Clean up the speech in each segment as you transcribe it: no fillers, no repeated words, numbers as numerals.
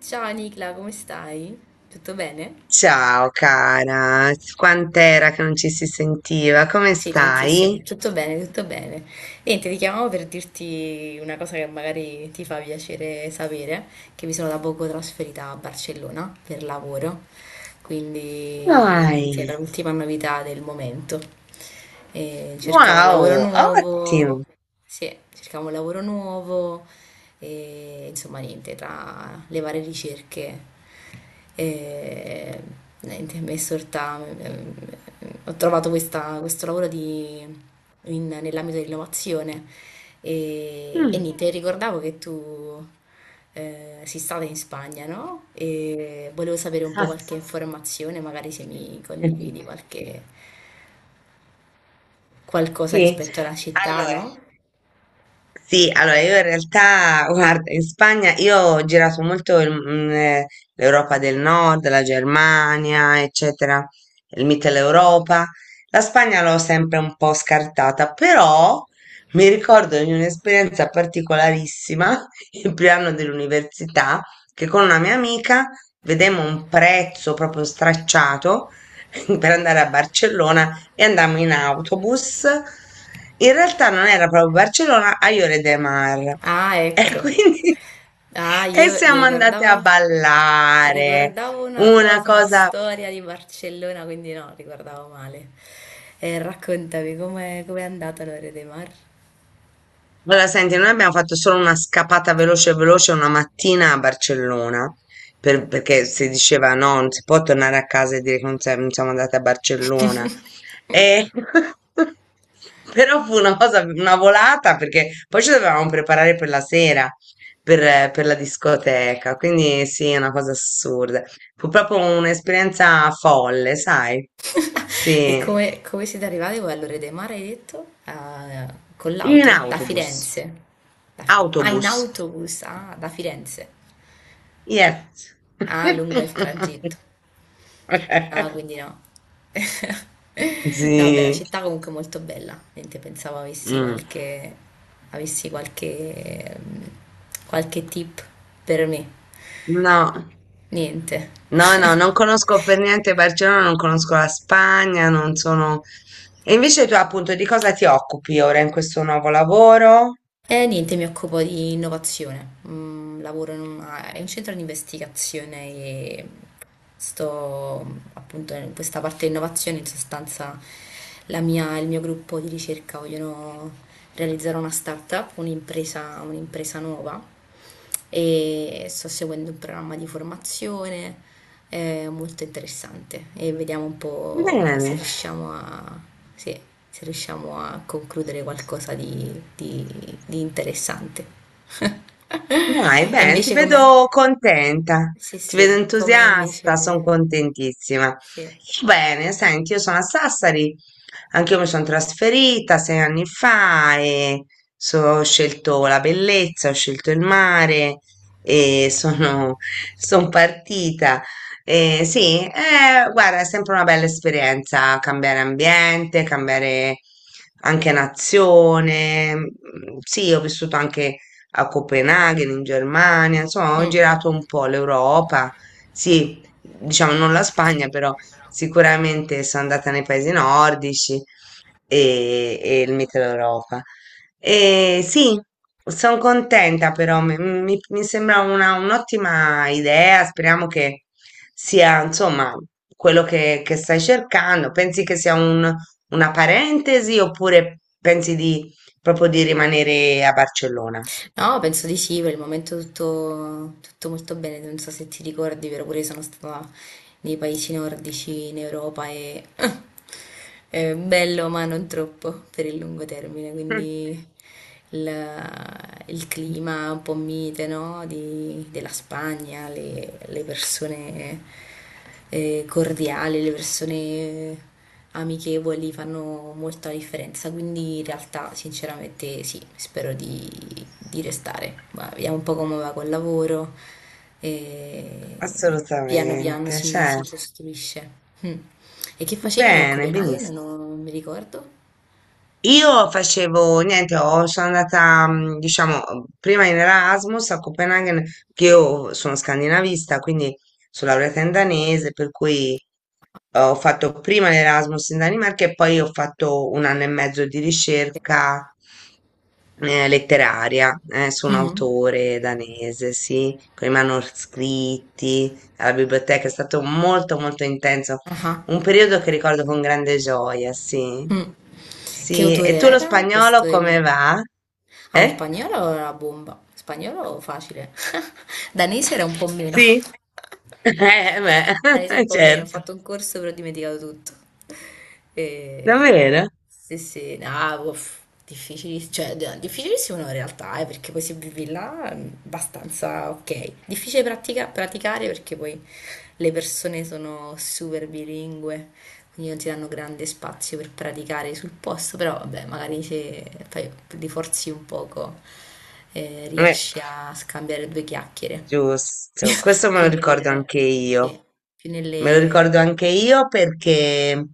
Ciao Nicla, come stai? Tutto bene? Ciao cara, quant'era che non ci si sentiva? Come Sì, stai? tantissimo, tutto bene, tutto bene. Niente, ti chiamavo per dirti una cosa che magari ti fa piacere sapere, che mi sono da poco trasferita a Barcellona per lavoro, quindi Dai, niente, era l'ultima novità del momento. E cercavo un lavoro wow, nuovo. ottimo. Sì, cercavo un lavoro nuovo e insomma niente, tra le varie ricerche e niente, mi è sorta, ho trovato questo lavoro nell'ambito dell'innovazione e Mm. niente, ricordavo che tu sei stata in Spagna, no? E volevo sapere un po' Ah, qualche informazione, magari se mi condividi qualche, qualcosa Sì, rispetto alla città, allora, no? sì, allora io in realtà, guarda, in Spagna io ho girato molto l'Europa del Nord, la Germania, eccetera, il Mitteleuropa. La Spagna l'ho sempre un po' scartata, però mi ricordo di un'esperienza particolarissima il primo anno dell'università, che con una mia amica vedemmo un prezzo proprio stracciato per andare a Barcellona e andammo in autobus. In realtà non era proprio Barcellona, a Lloret de Mar. Ah, E ecco. quindi Ah, e io, io siamo andate a ricordavo, ballare, ricordavo una una cosa, una cosa. storia di Barcellona, quindi no, ricordavo male. Raccontami com'è, com'è andata l'Ore dei Mar Allora, senti, noi abbiamo fatto solo una scappata veloce veloce una mattina a Barcellona, perché si diceva no, non si può tornare a casa e dire che non siamo andate a Barcellona. E... Però fu una cosa, una volata, perché poi ci dovevamo preparare per la sera, per la discoteca, quindi sì, è una cosa assurda. Fu proprio un'esperienza folle, sai? e Sì, come, come siete arrivati voi all'Ore dei Mar, hai detto? Ah, con in l'auto? Da autobus, Firenze? Ah, in autobus. autobus, ah, da Firenze. Yes. Ah, lungo il tragitto. Ah, quindi no. No, vabbè, la Sì. città comunque è molto bella, niente, pensavo Mm. Avessi qualche, qualche tip per me, No. niente. No, no, non conosco per niente Barcellona, non conosco la Spagna, non sono... E invece tu appunto di cosa ti occupi ora in questo nuovo lavoro? E niente, mi occupo di innovazione. Mm, lavoro in è un centro di investigazione e sto appunto in questa parte di innovazione. In sostanza, il mio gruppo di ricerca vogliono realizzare una startup, un'impresa, un'impresa nuova. E sto seguendo un programma di formazione molto interessante e vediamo un po' se Bene, riusciamo a, se se riusciamo a concludere qualcosa di interessante. dai, E bene, ti invece com'è? vedo contenta, Sì, ti vedo sì, com'è entusiasta, sono invece? contentissima. Sì. Bene, senti, io sono a Sassari. Anch'io mi sono trasferita 6 anni fa e ho scelto la bellezza, ho scelto il mare e sono, son partita. Sì, guarda, è sempre una bella esperienza cambiare ambiente, cambiare anche nazione. Mm, sì, ho vissuto anche a Copenaghen, in Germania, insomma, ho Mm. girato un po' l'Europa. Sì, diciamo non la Spagna, però sicuramente sono andata nei paesi nordici e il Mittel Europa. E sì, sono contenta però, mi sembra un'ottima idea, speriamo che sia insomma quello che stai cercando. Pensi che sia una parentesi oppure pensi di proprio di rimanere a Barcellona? No, penso di sì, per il momento tutto, tutto molto bene, non so se ti ricordi, però pure io sono stata nei paesi nordici in Europa e è bello, ma non troppo per il lungo termine, quindi il, il clima un po' mite, no? Della Spagna, le persone cordiale, le persone amichevoli fanno molta differenza, quindi in realtà sinceramente sì, spero di restare. Ma vediamo un po' come va col lavoro e piano piano Assolutamente, si, cioè, si costruisce. Mm. E che facevi tu a bene, benissimo. Copenaghen? Non mi ricordo. Io facevo niente, sono andata, mm, diciamo, prima in Erasmus a Copenaghen, che io sono scandinavista, quindi sono laureata in danese, per cui ho fatto prima l'Erasmus in Danimarca e poi ho fatto 1 anno e mezzo di ricerca letteraria su un Mhm. autore danese, sì, con i manoscritti alla biblioteca. È stato molto molto intenso Ah, ah. un periodo che ricordo con grande gioia, sì. Mm. Che Sì, e tu autore lo era spagnolo questo? Elena? come va? Ah, lo Eh? spagnolo era la bomba. Spagnolo facile. Danese era un po' meno. Sì? Danese beh, un po' meno. Ho certo, fatto un corso però ho dimenticato tutto. E... davvero? sì, sì, no, uff, cioè, difficilissimo no, in realtà, perché poi se vivi là è abbastanza ok. Difficile praticare perché poi le persone sono super bilingue quindi non ti danno grande spazio per praticare sul posto, però vabbè, magari se fai, ti forzi un poco Eh. riesci a scambiare due chiacchiere, Giusto, questo me più lo ricordo anche nelle... io. sì, più Me lo ricordo nelle... anche io perché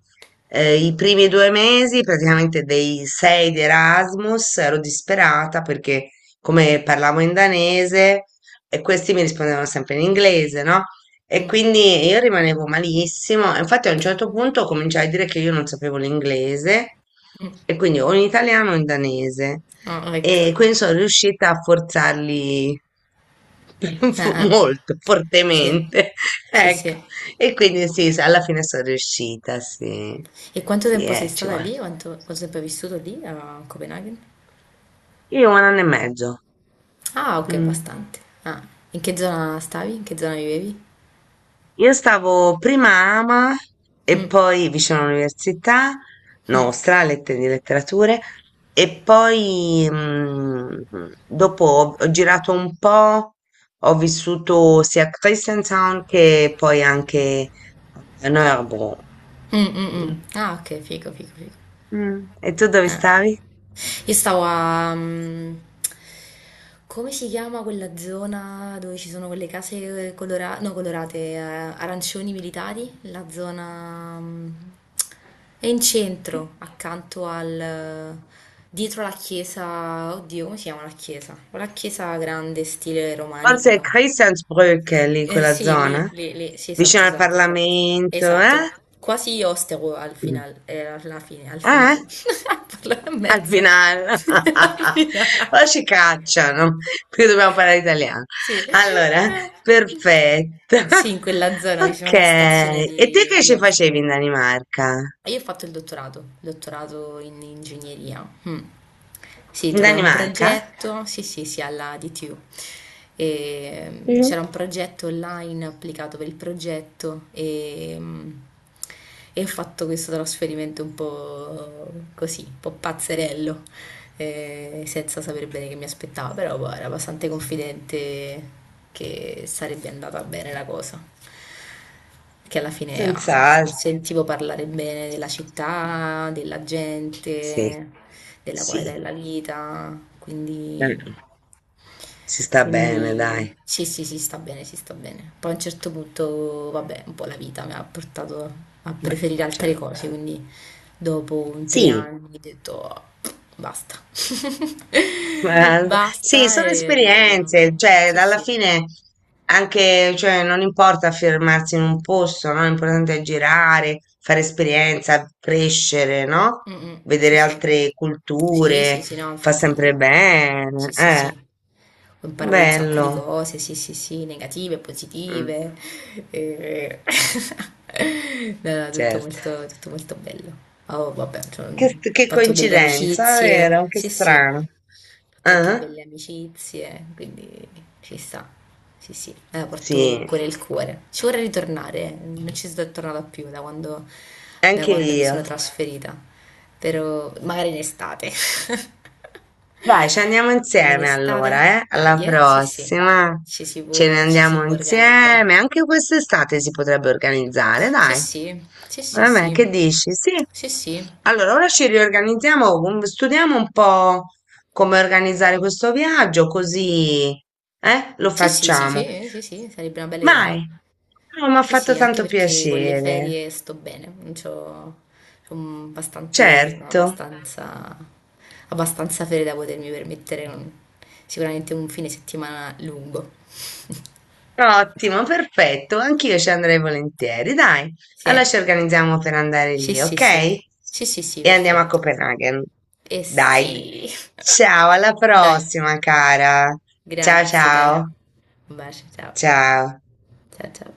i primi 2 mesi, praticamente dei 6 di Erasmus, ero disperata perché come parlavo in danese e questi mi rispondevano sempre in inglese, no? E mm, quindi io rimanevo malissimo. E infatti a un certo punto cominciai a dire che io non sapevo l'inglese e quindi o in italiano o in danese. ah, ecco, E quindi sono riuscita a forzarli ah, ah, molto sì, fortemente. sì, Ecco. sì. E quindi sì, alla fine sono riuscita, sì. E quanto Sì, tempo sei ci stata vuole. lì? Quanto, quanto tempo hai vissuto lì a Copenaghen? Io 1 anno e mezzo. Ah, ok, Mm. bastante. Ah, in che zona stavi? In che zona vivevi? Io stavo prima a Ama e poi vicino all'università nostra, Lettere di Letterature, e poi mm, dopo ho girato un po', ho vissuto sia a Christiansand che poi anche a Nørrebro. Mm, mm, Mm. mm. Ah, ok, figo, figo, figo. Mm. E tu dove Eh. stavi? Io stavo a... mm, come si chiama quella zona dove ci sono quelle no, colorate, arancioni militari? La zona... mm, è in centro, accanto al... Dietro la chiesa... Oddio, come si chiama la chiesa? La chiesa grande, stile Forse è romanico. Christiansbrück, lì in quella Sì, lì, zona, lì, lì, sì, vicino esatto, al esatto, esatto. Parlamento, Esatto, eh? quasi osteo al Mm. final, alla fine, al Ah, eh? final. Parlo a Al mezzo. final, Al finale. o ci cacciano, perché dobbiamo parlare italiano. Sì. Allora, perfetto. sì, in quella zona vicino Ok, alla stazione e te che di ci Ostia. facevi in Danimarca? Io ho fatto il dottorato, dottorato in ingegneria. Mm. Sì, In trovai un Danimarca? progetto, sì, sì, sì, alla DTU. E, mm, Mhm. c'era un progetto online applicato per il progetto e, mm, e ho fatto questo trasferimento un po' così, un po' pazzerello, senza sapere bene che mi aspettava, però boh, ero abbastanza confidente che sarebbe andata bene la cosa che alla fine ah, certo, Senz'altro. sentivo parlare bene della città, della Sì, gente, della qualità sì, della vita, quindi, eh, si sta bene, dai. quindi sì, sì, si sta bene, si sta bene. Poi a un certo punto, vabbè, un po' la vita mi ha portato a Beh, preferire altre cioè, cose, quindi dopo un tre sì, anni ho detto "Oh, basta, guarda, sì, basta sono e esperienze, riproviamo." cioè Sì, alla sì. fine anche, cioè, non importa fermarsi in un posto, no? L'importante è girare, fare esperienza, crescere, no? Mm, mm. Sì, Vedere sì. altre Sì, sì, culture, sì, no, fa infatti, sempre bene, sì, sì, sì. Ho imparato un sacco bello. di cose, sì, sì, sì, negative, Mm, positive. Eh. No, no, certo. Tutto molto bello. Oh, vabbè, cioè, ho Che fatto belle coincidenza, vero? amicizie. Che Sì, sì strano. fatto anche Ah, belle amicizie, quindi ci sta. Sì, sì, me la porto sì, comunque nel cuore. Ci vorrei ritornare, non ci sono tornata più da anche quando mi sono io. trasferita, però magari in estate. Dai, ci andiamo In insieme estate? allora, eh? Alla Dai, eh? Sì, sì, prossima. Ce ne ci si andiamo può organizzare. insieme. Anche quest'estate si potrebbe organizzare, Sì, dai. sì, sì, sì, Vabbè, sì, che dici? Sì. sì, sì, Allora, ora ci riorganizziamo, studiamo un po' come organizzare questo viaggio, così, eh? Lo sì, sì, sì, facciamo. sì, sì, sì, sarebbe una bella Vai. idea. Oh, mi ha Sì, fatto sì, anche tanto perché con le piacere. ferie sto bene, non c'ho, bastante, Certo. abbastanza, abbastanza ferie da potermi permettere un- sicuramente un fine settimana lungo. Ottimo, perfetto, anch'io ci andrei volentieri, dai. Allora Sì, ci organizziamo per andare sì, lì, sì, sì, ok? sì, sì, sì, E andiamo a perfetto. Copenaghen. E Dai. sì, Ciao, alla dai, prossima, cara. Ciao, grazie, dai. ciao. Un bacio, ciao, Ciao. ciao, ciao.